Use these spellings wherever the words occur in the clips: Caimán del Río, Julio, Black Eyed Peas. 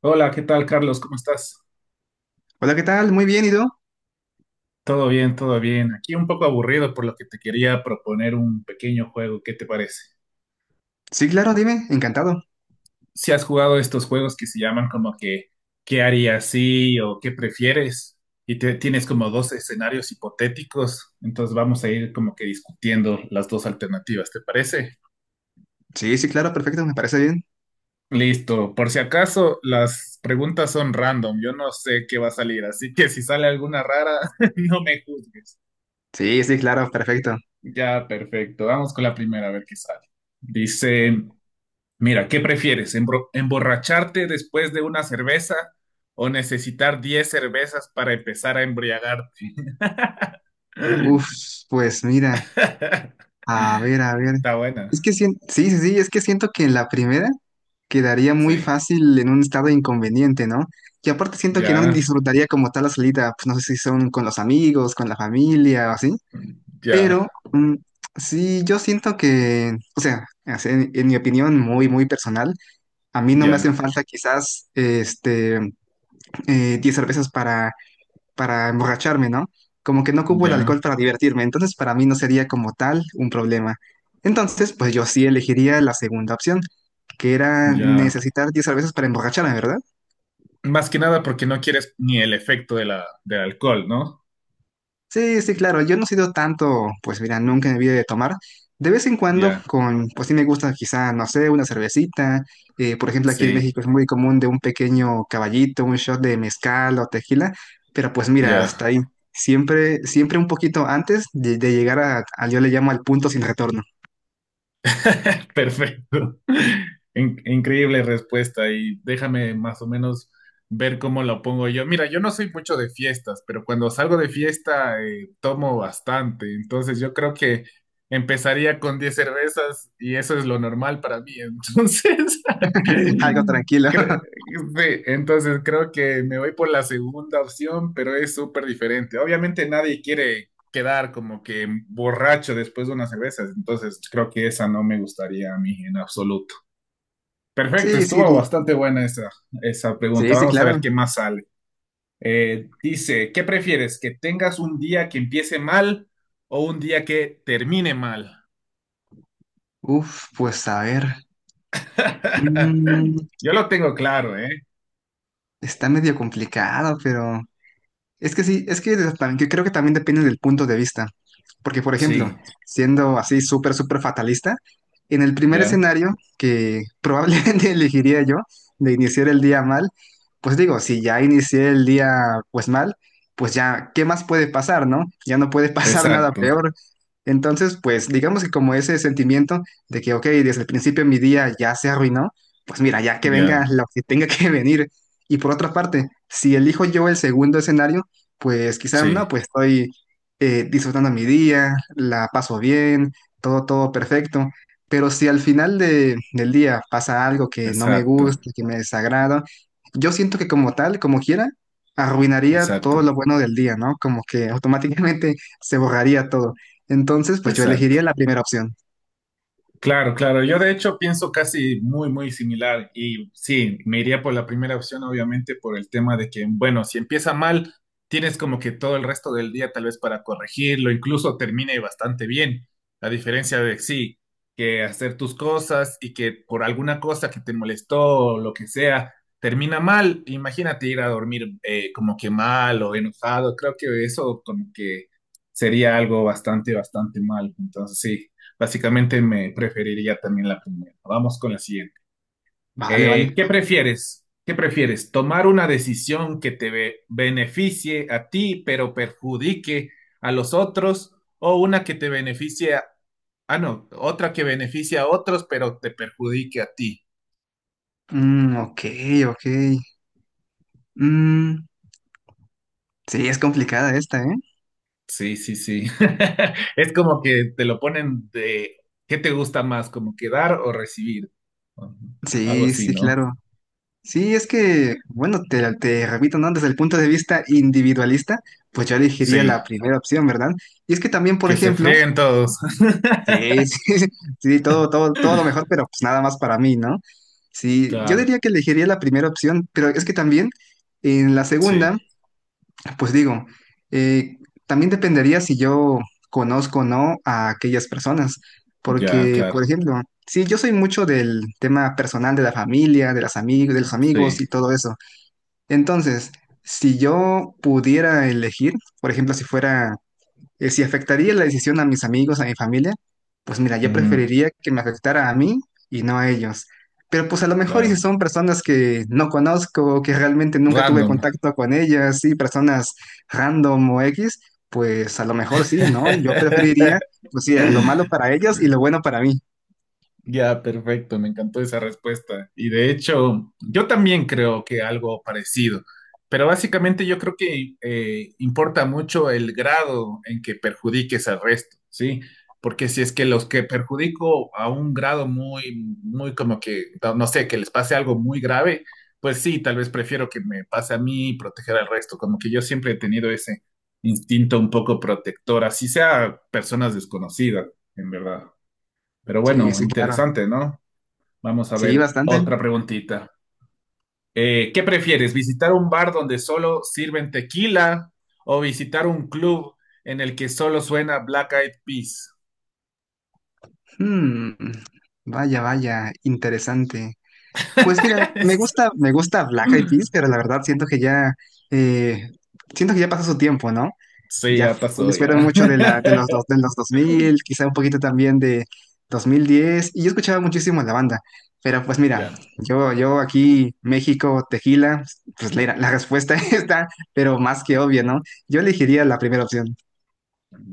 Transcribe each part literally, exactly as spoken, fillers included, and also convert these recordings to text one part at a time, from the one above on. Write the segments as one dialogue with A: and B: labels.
A: Hola, ¿qué tal, Carlos? ¿Cómo estás?
B: Hola, ¿qué tal? Muy bien, ¿y tú?
A: Todo bien, todo bien. Aquí un poco aburrido, por lo que te quería proponer un pequeño juego. ¿Qué te parece?
B: Sí, claro, dime, encantado.
A: Si has jugado estos juegos que se llaman como que ¿qué harías sí o qué prefieres? Y te, tienes como dos escenarios hipotéticos, entonces vamos a ir como que discutiendo las dos alternativas, ¿te parece?
B: Sí, sí, claro, perfecto, me parece bien.
A: Listo. Por si acaso, las preguntas son random. Yo no sé qué va a salir, así que si sale alguna rara, no me juzgues.
B: Sí, sí, claro, perfecto.
A: Ya, perfecto. Vamos con la primera, a ver qué sale. Dice, mira, ¿qué prefieres? ¿Embro- ¿Emborracharte después de una cerveza o necesitar diez cervezas para empezar a embriagarte?
B: Uf, pues mira, a ver, a ver.
A: Está
B: Es
A: buena.
B: que siento, sí, sí, sí, es que siento que en la primera quedaría muy
A: Sí.
B: fácil en un estado inconveniente, ¿no? Y aparte siento que no
A: Ya,
B: disfrutaría como tal la salida, pues no sé si son con los amigos, con la familia o así,
A: ya,
B: pero mm, sí, yo siento que, o sea, así en en mi opinión muy, muy personal, a mí no me hacen
A: ya,
B: falta quizás, este... eh, 10 cervezas para, para, emborracharme, ¿no? Como que no ocupo el alcohol
A: ya,
B: para divertirme, entonces para mí no sería como tal un problema. Entonces, pues yo sí elegiría la segunda opción, que era
A: ya.
B: necesitar diez cervezas para emborracharme, ¿verdad?
A: Más que nada porque no quieres ni el efecto de la, del alcohol, ¿no?
B: Sí, sí, claro. Yo no he sido tanto, pues mira, nunca en mi vida de tomar. De vez en cuando,
A: Ya,
B: con, pues sí me gusta quizá, no sé, una cervecita. Eh, por ejemplo, aquí en
A: sí,
B: México es muy común de un pequeño caballito, un shot de mezcal o tequila. Pero pues mira,
A: ya.
B: hasta ahí. Siempre, siempre un poquito antes de, de llegar a, a- yo le llamo al punto sin retorno.
A: Perfecto. In- increíble respuesta y déjame más o menos ver cómo lo pongo yo. Mira, yo no soy mucho de fiestas, pero cuando salgo de fiesta eh, tomo bastante, entonces yo creo que empezaría con diez cervezas y eso es lo normal para mí. Entonces,
B: Algo tranquilo.
A: cre- sí, entonces creo que me voy por la segunda opción, pero es súper diferente. Obviamente nadie quiere quedar como que borracho después de unas cervezas. Entonces creo que esa no me gustaría a mí en absoluto. Perfecto,
B: Sí, sí,
A: estuvo
B: sí,
A: bastante buena esa, esa pregunta.
B: sí, sí,
A: Vamos a ver
B: claro.
A: qué más sale. Eh, dice, ¿qué prefieres? ¿Que tengas un día que empiece mal o un día que termine mal?
B: Uf, pues a ver. Mm,
A: Yo lo tengo claro, ¿eh?
B: Está medio complicado, pero... Es que sí, es que de- también, que creo que también depende del punto de vista. Porque, por ejemplo,
A: Sí,
B: siendo así súper, súper fatalista, en el primer
A: ya,
B: escenario que probablemente elegiría yo de iniciar el día mal, pues digo, si ya inicié el día pues mal, pues ya, ¿qué más puede pasar, no? Ya no puede pasar nada
A: exacto,
B: peor. Entonces, pues digamos que como ese sentimiento de que, ok, desde el principio mi día ya se arruinó, pues mira, ya que venga
A: ya,
B: lo que tenga que venir. Y por otra parte, si elijo yo el segundo escenario, pues quizás
A: sí,
B: no, pues estoy eh, disfrutando mi día, la paso bien, todo, todo perfecto. Pero si al final de- del día pasa algo que no me
A: exacto,
B: gusta, que me desagrada, yo siento que como tal, como quiera, arruinaría todo
A: exacto,
B: lo bueno del día, ¿no? Como que automáticamente se borraría todo. Entonces, pues yo elegiría
A: exacto.
B: la primera opción.
A: Claro, claro. Yo de hecho pienso casi muy, muy similar. Y sí, me iría por la primera opción, obviamente, por el tema de que, bueno, si empieza mal, tienes como que todo el resto del día tal vez para corregirlo, incluso termine bastante bien. A diferencia de, sí, que hacer tus cosas y que por alguna cosa que te molestó o lo que sea, termina mal. Imagínate ir a dormir eh, como que mal o enojado. Creo que eso como que sería algo bastante, bastante mal. Entonces, sí. Básicamente me preferiría también la primera. Vamos con la siguiente.
B: Vale,
A: Eh,
B: vale.
A: ¿qué prefieres? ¿Qué prefieres? ¿Tomar una decisión que te be- beneficie a ti pero perjudique a los otros o una que te beneficie a... Ah, no, otra que beneficie a otros pero te perjudique a ti?
B: Mm, ok, ok. Mm, sí, es complicada esta, ¿eh?
A: Sí, sí, sí. Es como que te lo ponen de... ¿Qué te gusta más? ¿Como que dar o recibir? Algo
B: Sí,
A: así,
B: sí,
A: ¿no?
B: claro. Sí, es que, bueno, te, te repito, ¿no? Desde el punto de vista individualista, pues yo elegiría
A: Sí,
B: la primera opción, ¿verdad? Y es que también, por
A: que se
B: ejemplo,
A: frieguen todos.
B: sí, sí, sí, sí, todo, todo, todo lo mejor, pero pues nada más para mí, ¿no? Sí, yo
A: Claro.
B: diría que elegiría la primera opción, pero es que también en la
A: Sí,
B: segunda, pues digo, eh, también dependería si yo conozco o no a aquellas personas,
A: ya,
B: porque,
A: claro.
B: por ejemplo, sí, yo soy mucho del tema personal de la familia, de las amigos, de los amigos y
A: Sí,
B: todo eso. Entonces, si yo pudiera elegir, por ejemplo, si fuera, eh, si afectaría la decisión a mis amigos, a mi familia, pues mira, yo
A: ujú,
B: preferiría que me afectara a mí y no a ellos. Pero pues a lo mejor y si
A: claro.
B: son personas que no conozco, que realmente nunca tuve
A: Random.
B: contacto con ellas, sí, personas random o X, pues a lo mejor sí, ¿no? Yo preferiría, pues sí, lo malo para ellos y lo bueno para mí.
A: Ya, perfecto, me encantó esa respuesta. Y de hecho, yo también creo que algo parecido, pero básicamente yo creo que eh, importa mucho el grado en que perjudiques al resto, ¿sí? Porque si es que los que perjudico a un grado muy, muy como que, no no sé, que les pase algo muy grave, pues sí, tal vez prefiero que me pase a mí y proteger al resto, como que yo siempre he tenido ese instinto un poco protector, así sea personas desconocidas, en verdad. Pero
B: Sí,
A: bueno,
B: sí, claro.
A: interesante, ¿no? Vamos a
B: Sí,
A: ver
B: bastante.
A: otra preguntita. Eh, ¿qué prefieres? ¿Visitar un bar donde solo sirven tequila o visitar un club en el que solo suena Black Eyed Peas?
B: Mm, Vaya, vaya, interesante. Pues mira, me gusta, me gusta Black Eyed Peas, pero la verdad siento que ya, eh, siento que ya pasó su tiempo, ¿no?
A: Sí,
B: Ya
A: ya
B: fu-
A: pasó,
B: ellos fueron
A: ya.
B: mucho de la, de los, dos- de los dos mil, quizá un poquito también de dos mil diez. Y yo escuchaba muchísimo la banda. Pero pues mira,
A: Ya.
B: yo, yo aquí, México, tequila, pues la, la respuesta está, pero más que obvia, ¿no? Yo elegiría la primera opción.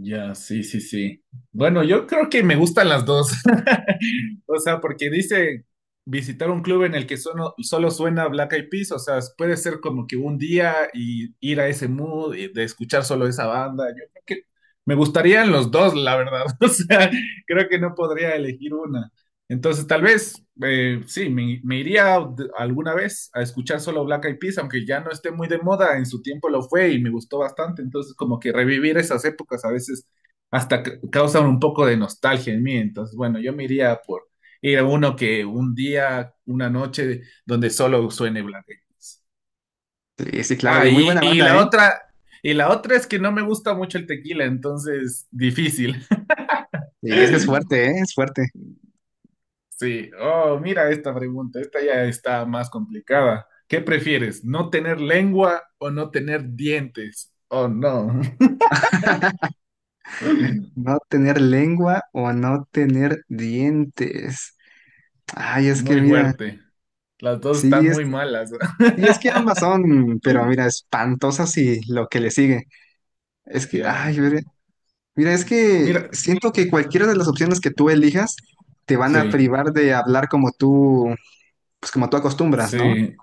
A: Ya, sí, sí, sí. Bueno, yo creo que me gustan las dos. O sea, porque dice visitar un club en el que solo, solo suena Black Eyed Peas, o sea, puede ser como que un día y ir a ese mood y de escuchar solo esa banda. Yo creo que me gustarían los dos, la verdad. O sea, creo que no podría elegir una. Entonces, tal vez, eh, sí, me, me iría de- alguna vez a escuchar solo Black Eyed Peas, aunque ya no esté muy de moda, en su tiempo lo fue y me gustó bastante, entonces como que revivir esas épocas a veces hasta ca- causan un poco de nostalgia en mí, entonces bueno, yo me iría por ir a uno que un día, una noche, donde solo suene Black Eyed Peas.
B: Sí, sí, claro,
A: Ah,
B: y muy
A: y,
B: buena
A: y
B: banda,
A: la
B: ¿eh?
A: otra, y la otra es que no me gusta mucho el tequila, entonces difícil.
B: Y es que es fuerte, ¿eh? Es fuerte.
A: Sí, oh, mira esta pregunta, esta ya está más complicada. ¿Qué prefieres, no tener lengua o no tener dientes? Oh, no.
B: No tener lengua o no tener dientes. Ay, es que
A: Muy
B: mira,
A: fuerte. Las dos están
B: sí es,
A: muy malas.
B: sí es que ambas son, pero mira, espantosas y lo que le sigue. Es que,
A: Ya.
B: ay, mira, mira, es que
A: Mira,
B: siento que cualquiera de las opciones que tú elijas te van a
A: sí,
B: privar de hablar como tú, pues como tú acostumbras, ¿no?
A: sí.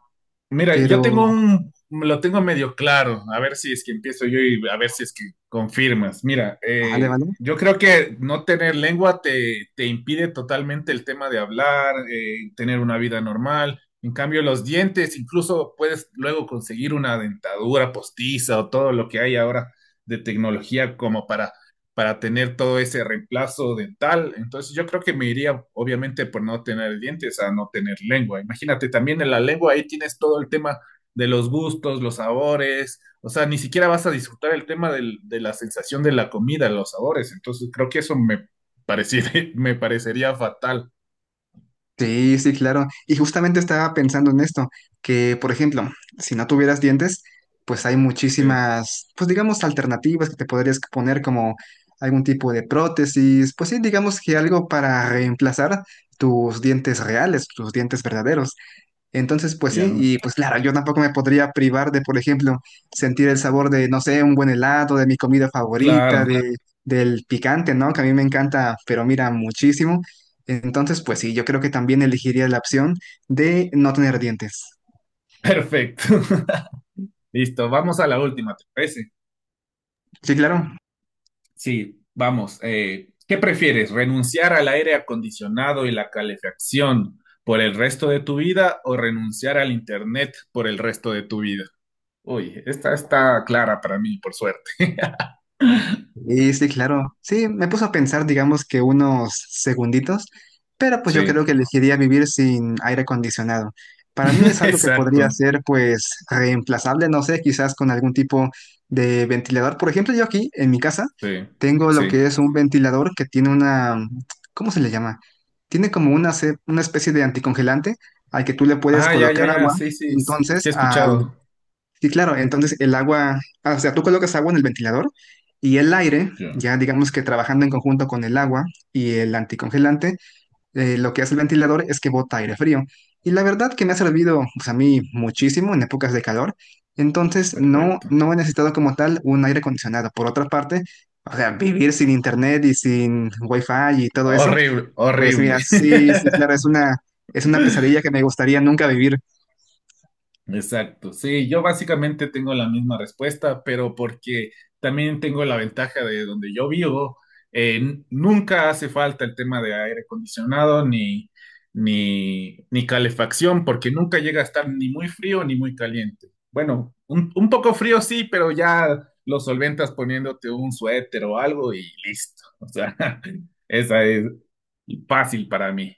A: Mira,
B: Pero,
A: yo tengo un, lo tengo medio claro, a ver si es que empiezo yo y a ver si es que confirmas. Mira,
B: vale,
A: eh,
B: vale.
A: yo creo que no tener lengua te, te impide totalmente el tema de hablar, eh, tener una vida normal. En cambio, los dientes, incluso puedes luego conseguir una dentadura postiza o todo lo que hay ahora de tecnología como para para tener todo ese reemplazo dental. Entonces yo creo que me iría obviamente por no tener dientes a no tener lengua. Imagínate, también en la lengua ahí tienes todo el tema de los gustos, los sabores, o sea, ni siquiera vas a disfrutar el tema del- de la sensación de la comida, los sabores. Entonces creo que eso me pareciera- me parecería fatal.
B: Sí, sí, claro. Y justamente estaba pensando en esto, que por ejemplo, si no tuvieras dientes, pues hay
A: Sí,
B: muchísimas, pues digamos, alternativas que te podrías poner como algún tipo de prótesis, pues sí, digamos que algo para reemplazar tus dientes reales, tus dientes verdaderos. Entonces, pues sí,
A: ya.
B: y pues claro, yo tampoco me podría privar de, por ejemplo, sentir el sabor de, no sé, un buen helado, de mi comida favorita,
A: Claro,
B: de, del picante, ¿no? Que a mí me encanta, pero mira, muchísimo. Entonces, pues sí, yo creo que también elegiría la opción de no tener dientes.
A: perfecto. Listo, vamos a la última, ¿te parece?
B: Sí, claro.
A: Sí, vamos. eh, ¿qué prefieres? ¿Renunciar al aire acondicionado y la calefacción por el resto de tu vida o renunciar al internet por el resto de tu vida? Uy, esta está clara para mí, por suerte.
B: Y sí, claro. Sí, me puso a pensar, digamos que unos segunditos, pero pues yo
A: Sí,
B: creo que elegiría vivir sin aire acondicionado. Para mí es algo que podría
A: exacto.
B: ser pues reemplazable, no sé, quizás con algún tipo de ventilador. Por ejemplo, yo aquí en mi casa
A: Sí,
B: tengo lo que
A: sí.
B: es un ventilador que tiene una, ¿cómo se le llama? Tiene como una, ce- una especie de anticongelante al que tú le puedes
A: Ah, ya, ya,
B: colocar
A: ya.
B: agua.
A: Sí, sí, sí
B: Entonces,
A: he
B: al
A: escuchado.
B: Sí, claro, entonces el agua, ah, o sea, tú colocas agua en el ventilador y el aire,
A: Ya,
B: ya digamos que trabajando en conjunto con el agua y el anticongelante, eh, lo que hace el ventilador es que bota aire frío. Y la verdad que me ha servido, pues a mí muchísimo en épocas de calor, entonces no,
A: perfecto.
B: no he necesitado como tal un aire acondicionado. Por otra parte, o sea, vivir sin internet y sin wifi y todo eso,
A: Horrible,
B: pues
A: horrible.
B: mira, sí, sí, claro, es una, es una, pesadilla que me gustaría nunca vivir.
A: Exacto, sí, yo básicamente tengo la misma respuesta, pero porque también tengo la ventaja de donde yo vivo, eh, n- nunca hace falta el tema de aire acondicionado ni, ni, ni calefacción, porque nunca llega a estar ni muy frío ni muy caliente. Bueno, un, un poco frío sí, pero ya lo solventas poniéndote un suéter o algo y listo. O sea, esa es fácil para mí.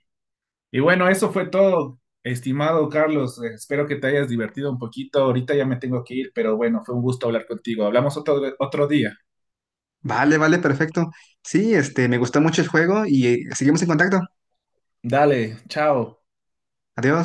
A: Y bueno, eso fue todo, estimado Carlos. Eh, Espero que te hayas divertido un poquito. Ahorita ya me tengo que ir, pero bueno, fue un gusto hablar contigo. Hablamos otro, otro día.
B: Vale, vale, perfecto. Sí, este, me gustó mucho el juego y eh, seguimos en contacto.
A: Dale, chao.
B: Adiós.